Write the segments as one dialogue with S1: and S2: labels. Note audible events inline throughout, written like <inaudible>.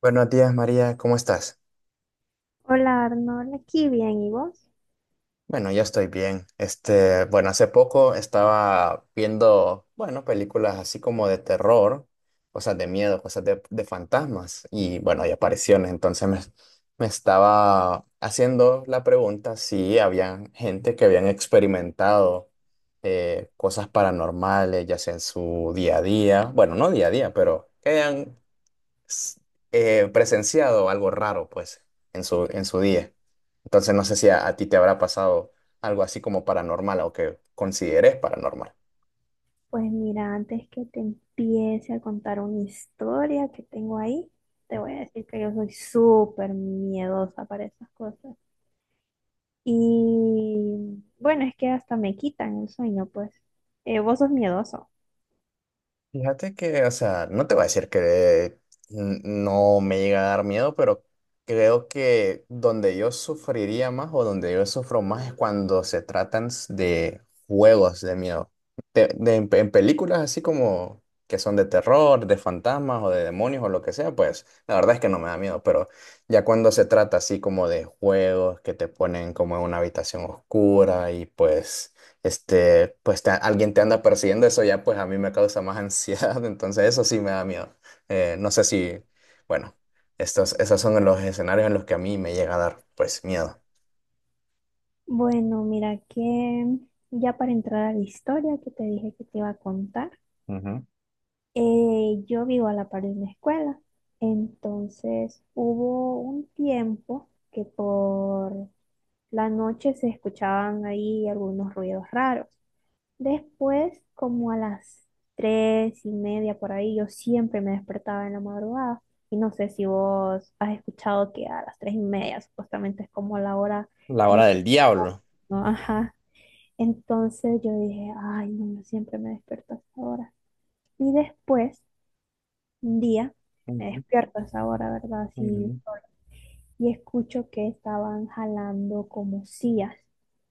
S1: Buenos días, María, ¿cómo estás?
S2: Hola Arnold, aquí bien, ¿y vos?
S1: Bueno, yo estoy bien. Este, bueno, hace poco estaba viendo, bueno, películas así como de terror, cosas de miedo, cosas de fantasmas y, bueno, hay apariciones. Entonces me estaba haciendo la pregunta si había gente que habían experimentado cosas paranormales, ya sea en su día a día, bueno, no día a día, pero que hayan s- presenciado algo raro, pues, en su día. Entonces, no sé si a ti te habrá pasado algo así como paranormal o que consideres paranormal.
S2: Pues mira, antes que te empiece a contar una historia que tengo ahí, te voy a decir que yo soy súper miedosa para esas cosas. Y bueno, es que hasta me quitan el sueño, pues. ¿Vos sos miedoso?
S1: Fíjate que, o sea, no te voy a decir que no me llega a dar miedo, pero creo que donde yo sufriría más o donde yo sufro más es cuando se tratan de juegos de miedo. En películas así como que son de terror, de fantasmas o de demonios o lo que sea, pues la verdad es que no me da miedo, pero ya cuando se trata así como de juegos que te ponen como en una habitación oscura y pues alguien te anda persiguiendo, eso ya pues a mí me causa más ansiedad, <laughs> entonces eso sí me da miedo. No sé si, bueno, esos son los escenarios en los que a mí me llega a dar pues miedo.
S2: Bueno, mira que ya para entrar a la historia que te dije que te iba a contar,
S1: Ujú.
S2: yo vivo a la par de una escuela. Entonces hubo un tiempo que por la noche se escuchaban ahí algunos ruidos raros. Después, como a las 3:30 por ahí, yo siempre me despertaba en la madrugada. Y no sé si vos has escuchado que a las 3:30 supuestamente es como la hora
S1: La
S2: de...
S1: hora del diablo.
S2: ¿no? Ajá. Entonces yo dije, ay, no, yo siempre me despierto a esa hora. Y después, un día, me
S1: Ujú,
S2: despierto a esa hora, ¿verdad? Así,
S1: ujú,
S2: y escucho que estaban jalando como sillas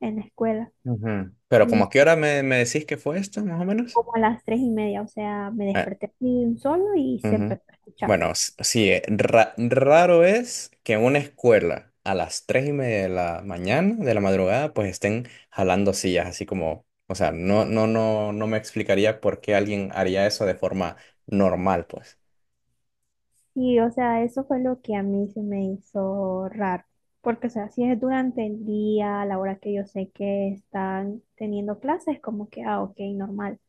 S2: en la escuela.
S1: ujú. Pero como ¿a
S2: Y
S1: qué hora me decís que fue esto, más o menos?
S2: como a las tres y media, o sea, me desperté así de un solo y se
S1: Ujú.
S2: empezó a escuchar.
S1: Bueno, sí, raro es que en una escuela a las 3:30 de la mañana, de la madrugada, pues estén jalando sillas, así como, o sea, no, no, no, no me explicaría por qué alguien haría eso de forma normal, pues.
S2: Y, o sea, eso fue lo que a mí se me hizo raro. Porque, o sea, si es durante el día, a la hora que yo sé que están teniendo clases, como que, ah, ok, normal.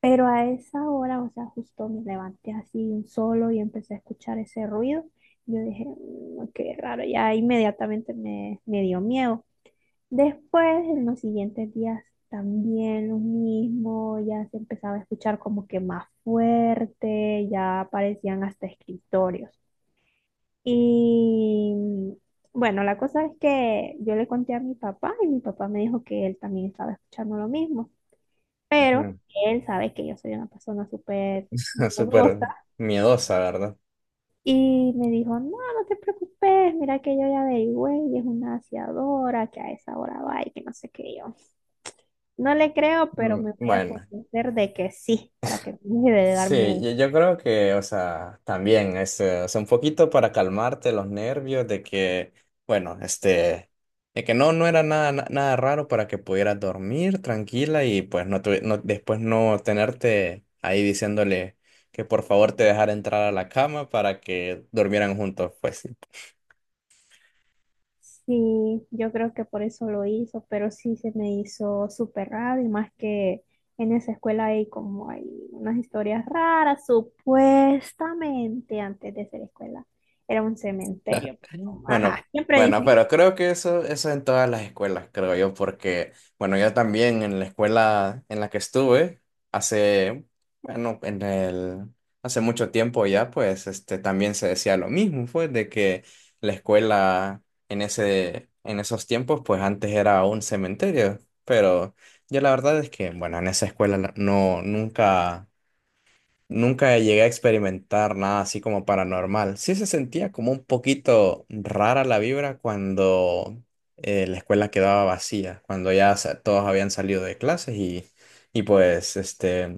S2: Pero a esa hora, o sea, justo me levanté así de un solo y empecé a escuchar ese ruido. Yo dije, "Mm, qué raro", ya inmediatamente me, dio miedo. Después, en los siguientes días, también lo mismo, ya se empezaba a escuchar como que más fuerte, ya aparecían hasta escritorios. Y bueno, la cosa es que yo le conté a mi papá y mi papá me dijo que él también estaba escuchando lo mismo, pero
S1: <laughs>
S2: él sabe que yo soy una persona súper
S1: Ujú. Súper
S2: miedosa
S1: miedosa, ¿verdad?
S2: y me dijo, no, no te preocupes, mira que yo ya averigüé y es una aseadora que a esa hora va y que no sé qué yo. No le creo, pero me voy a
S1: Bueno,
S2: convencer de que sí, para que me deje de dar
S1: sí,
S2: miedo.
S1: yo creo que, o sea, también es, o sea, un poquito para calmarte los nervios de que, bueno, este, de que no era nada, nada raro para que pudieras dormir tranquila y pues no, no después no tenerte ahí diciéndole que por favor te dejara entrar a la cama para que durmieran juntos, pues sí.
S2: Sí, yo creo que por eso lo hizo, pero sí se me hizo súper raro y más que en esa escuela hay unas historias raras, supuestamente antes de ser escuela era un cementerio.
S1: <laughs> Bueno,
S2: Ajá, siempre
S1: bueno,
S2: dicen,
S1: pero creo que eso en todas las escuelas, creo yo, porque, bueno, yo también en la escuela en la que estuve hace, bueno, hace mucho tiempo ya, pues, este, también se decía lo mismo, fue de que la escuela en esos tiempos, pues, antes era un cementerio, pero yo la verdad es que, bueno, en esa escuela nunca llegué a experimentar nada así como paranormal. Sí se sentía como un poquito rara la vibra cuando la escuela quedaba vacía, cuando ya todos habían salido de clases y pues este,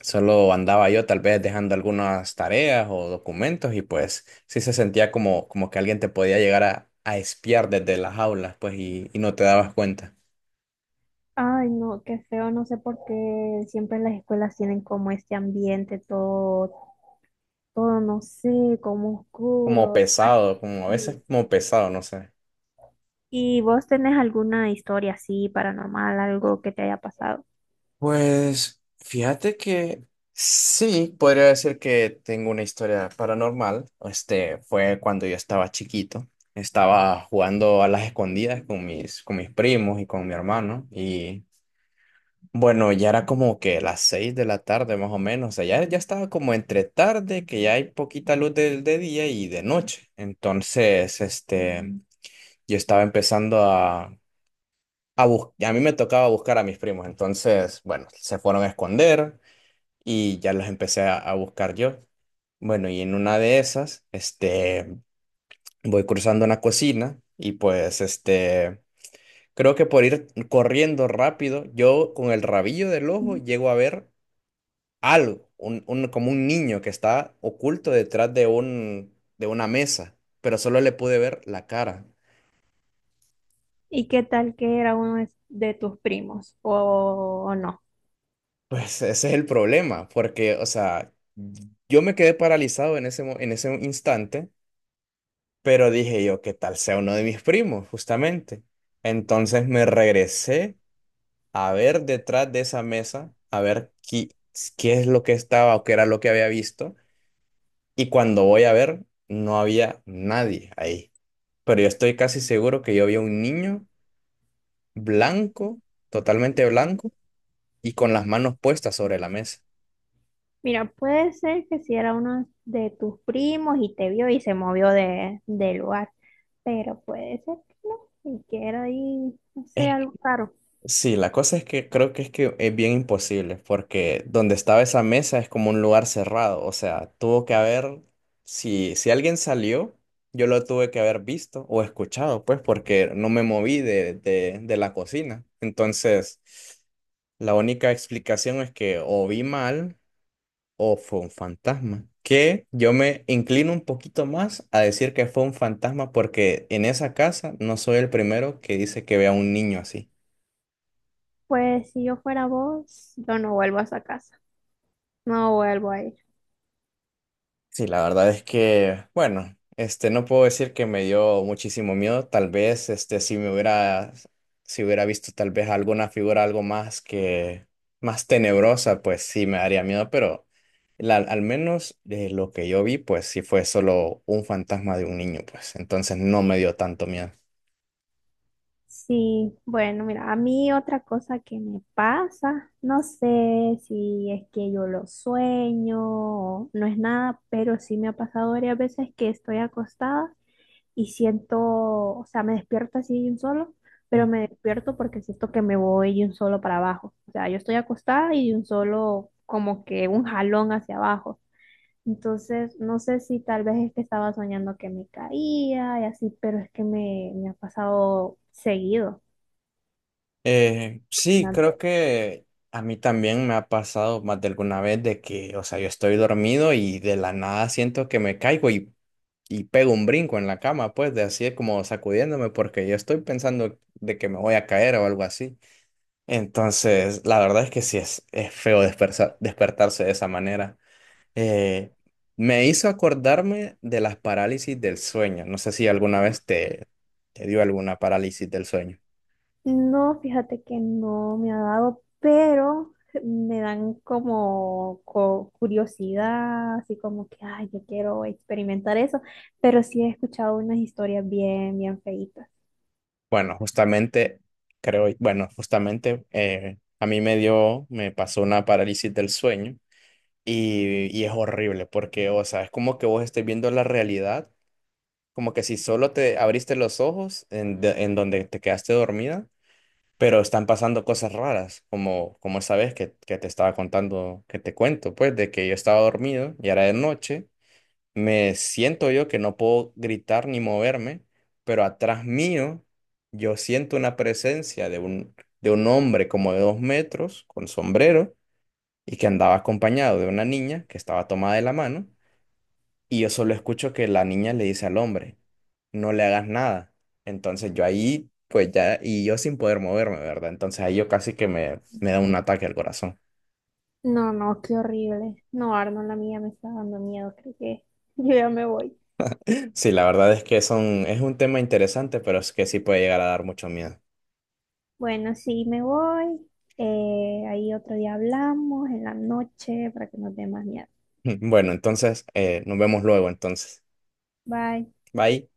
S1: solo andaba yo tal vez dejando algunas tareas o documentos y pues sí se sentía como que alguien te podía llegar a espiar desde las aulas pues y no te dabas cuenta.
S2: ay no, qué feo, no sé por qué siempre las escuelas tienen como este ambiente todo no sé, como
S1: Como
S2: oscuro.
S1: pesado, como a
S2: Así.
S1: veces como pesado, no sé.
S2: ¿Y vos tenés alguna historia así paranormal, algo que te haya pasado?
S1: Pues fíjate que sí, podría decir que tengo una historia paranormal. Este fue cuando yo estaba chiquito. Estaba jugando a las escondidas con mis primos y con mi hermano. Y bueno, ya era como que las 6 de la tarde más o menos. O sea, ya estaba como entre tarde, que ya hay poquita luz de día y de noche. Entonces, este, yo estaba empezando a mí me tocaba buscar a mis primos, entonces, bueno, se fueron a esconder, y ya las empecé a buscar yo. Bueno, y en una de esas, este, voy cruzando una cocina y pues, este, creo que por ir corriendo rápido, yo con el rabillo del ojo
S2: Mm.
S1: llego a ver algo, como un niño que está oculto detrás de una mesa, pero solo le pude ver la cara.
S2: ¿Y qué tal que era uno de tus primos o no?
S1: Pues ese es el problema, porque, o sea, yo me quedé paralizado en ese instante. Pero dije yo, ¿qué tal sea uno de mis primos, justamente? Entonces me regresé a ver detrás de esa mesa, a ver qué es lo que estaba o qué era lo que había visto. Y cuando voy a ver, no había nadie ahí. Pero yo estoy casi seguro que yo vi a un niño blanco, totalmente blanco, y con las manos puestas sobre la mesa.
S2: Mira, puede ser que si era uno de tus primos y te vio y se movió de, del lugar, pero puede ser que no, y que era ahí, no sé,
S1: Es
S2: algo raro.
S1: Sí, la cosa es que creo que es bien imposible, porque donde estaba esa mesa es como un lugar cerrado, o sea, tuvo que haber, si alguien salió, yo lo tuve que haber visto o escuchado, pues, porque no me moví de la cocina. Entonces, la única explicación es que o vi mal o fue un fantasma, que yo me inclino un poquito más a decir que fue un fantasma, porque en esa casa no soy el primero que dice que ve a un niño así.
S2: Pues si yo fuera vos, yo no vuelvo a esa casa, no vuelvo ahí.
S1: Sí, la verdad es que, bueno, este, no puedo decir que me dio muchísimo miedo. Tal vez, este, si hubiera visto tal vez alguna figura algo más que, más tenebrosa, pues sí me daría miedo, pero al menos de lo que yo vi, pues sí fue solo un fantasma de un niño, pues entonces no me dio tanto miedo.
S2: Sí, bueno, mira, a mí otra cosa que me pasa, no sé si es que yo lo sueño, o no es nada, pero sí me ha pasado varias veces que estoy acostada y siento, o sea, me despierto así de un solo, pero me despierto porque siento que me voy de un solo para abajo. O sea, yo estoy acostada y de un solo, como que un jalón hacia abajo. Entonces, no sé si tal vez es que estaba soñando que me caía y así, pero es que me, ha pasado seguido.
S1: Sí,
S2: Espinaca.
S1: creo que a mí también me ha pasado más de alguna vez de que, o sea, yo estoy dormido y de la nada siento que me caigo y pego un brinco en la cama, pues, de así como sacudiéndome, porque yo estoy pensando de que me voy a caer o algo así. Entonces, la verdad es que sí es feo despertarse de esa manera. Eh, Me hizo acordarme de las parálisis del sueño. No sé si alguna vez te dio alguna parálisis del sueño.
S2: No, fíjate que no me ha dado, pero me dan como curiosidad, así como que, ay, yo quiero experimentar eso, pero sí he escuchado unas historias bien, bien feitas.
S1: Bueno, justamente, creo, bueno, justamente a mí me pasó una parálisis del sueño. Y es horrible porque, o sea, es como que vos estés viendo la realidad, como que si solo te abriste los ojos en donde te quedaste dormida, pero están pasando cosas raras, como esa vez que te cuento, pues, de que yo estaba dormido y era de noche, me siento yo que no puedo gritar ni moverme, pero atrás mío yo siento una presencia de un, hombre como de 2 metros con sombrero y que andaba acompañado de una niña que estaba tomada de la mano y yo solo escucho que la niña le dice al hombre, no le hagas nada. Entonces yo ahí, pues ya, y yo sin poder moverme, ¿verdad? Entonces ahí yo casi que me da un
S2: No,
S1: ataque al corazón.
S2: no, no, qué horrible. No, Arnold, la mía me está dando miedo, creo que <laughs> yo ya me voy.
S1: Sí, la verdad es que son, es un tema interesante, pero es que sí puede llegar a dar mucho miedo.
S2: Bueno, sí, me voy. Ahí otro día hablamos en la noche para que nos dé más miedo.
S1: <laughs> Bueno, entonces nos vemos luego, entonces.
S2: Bye.
S1: Bye.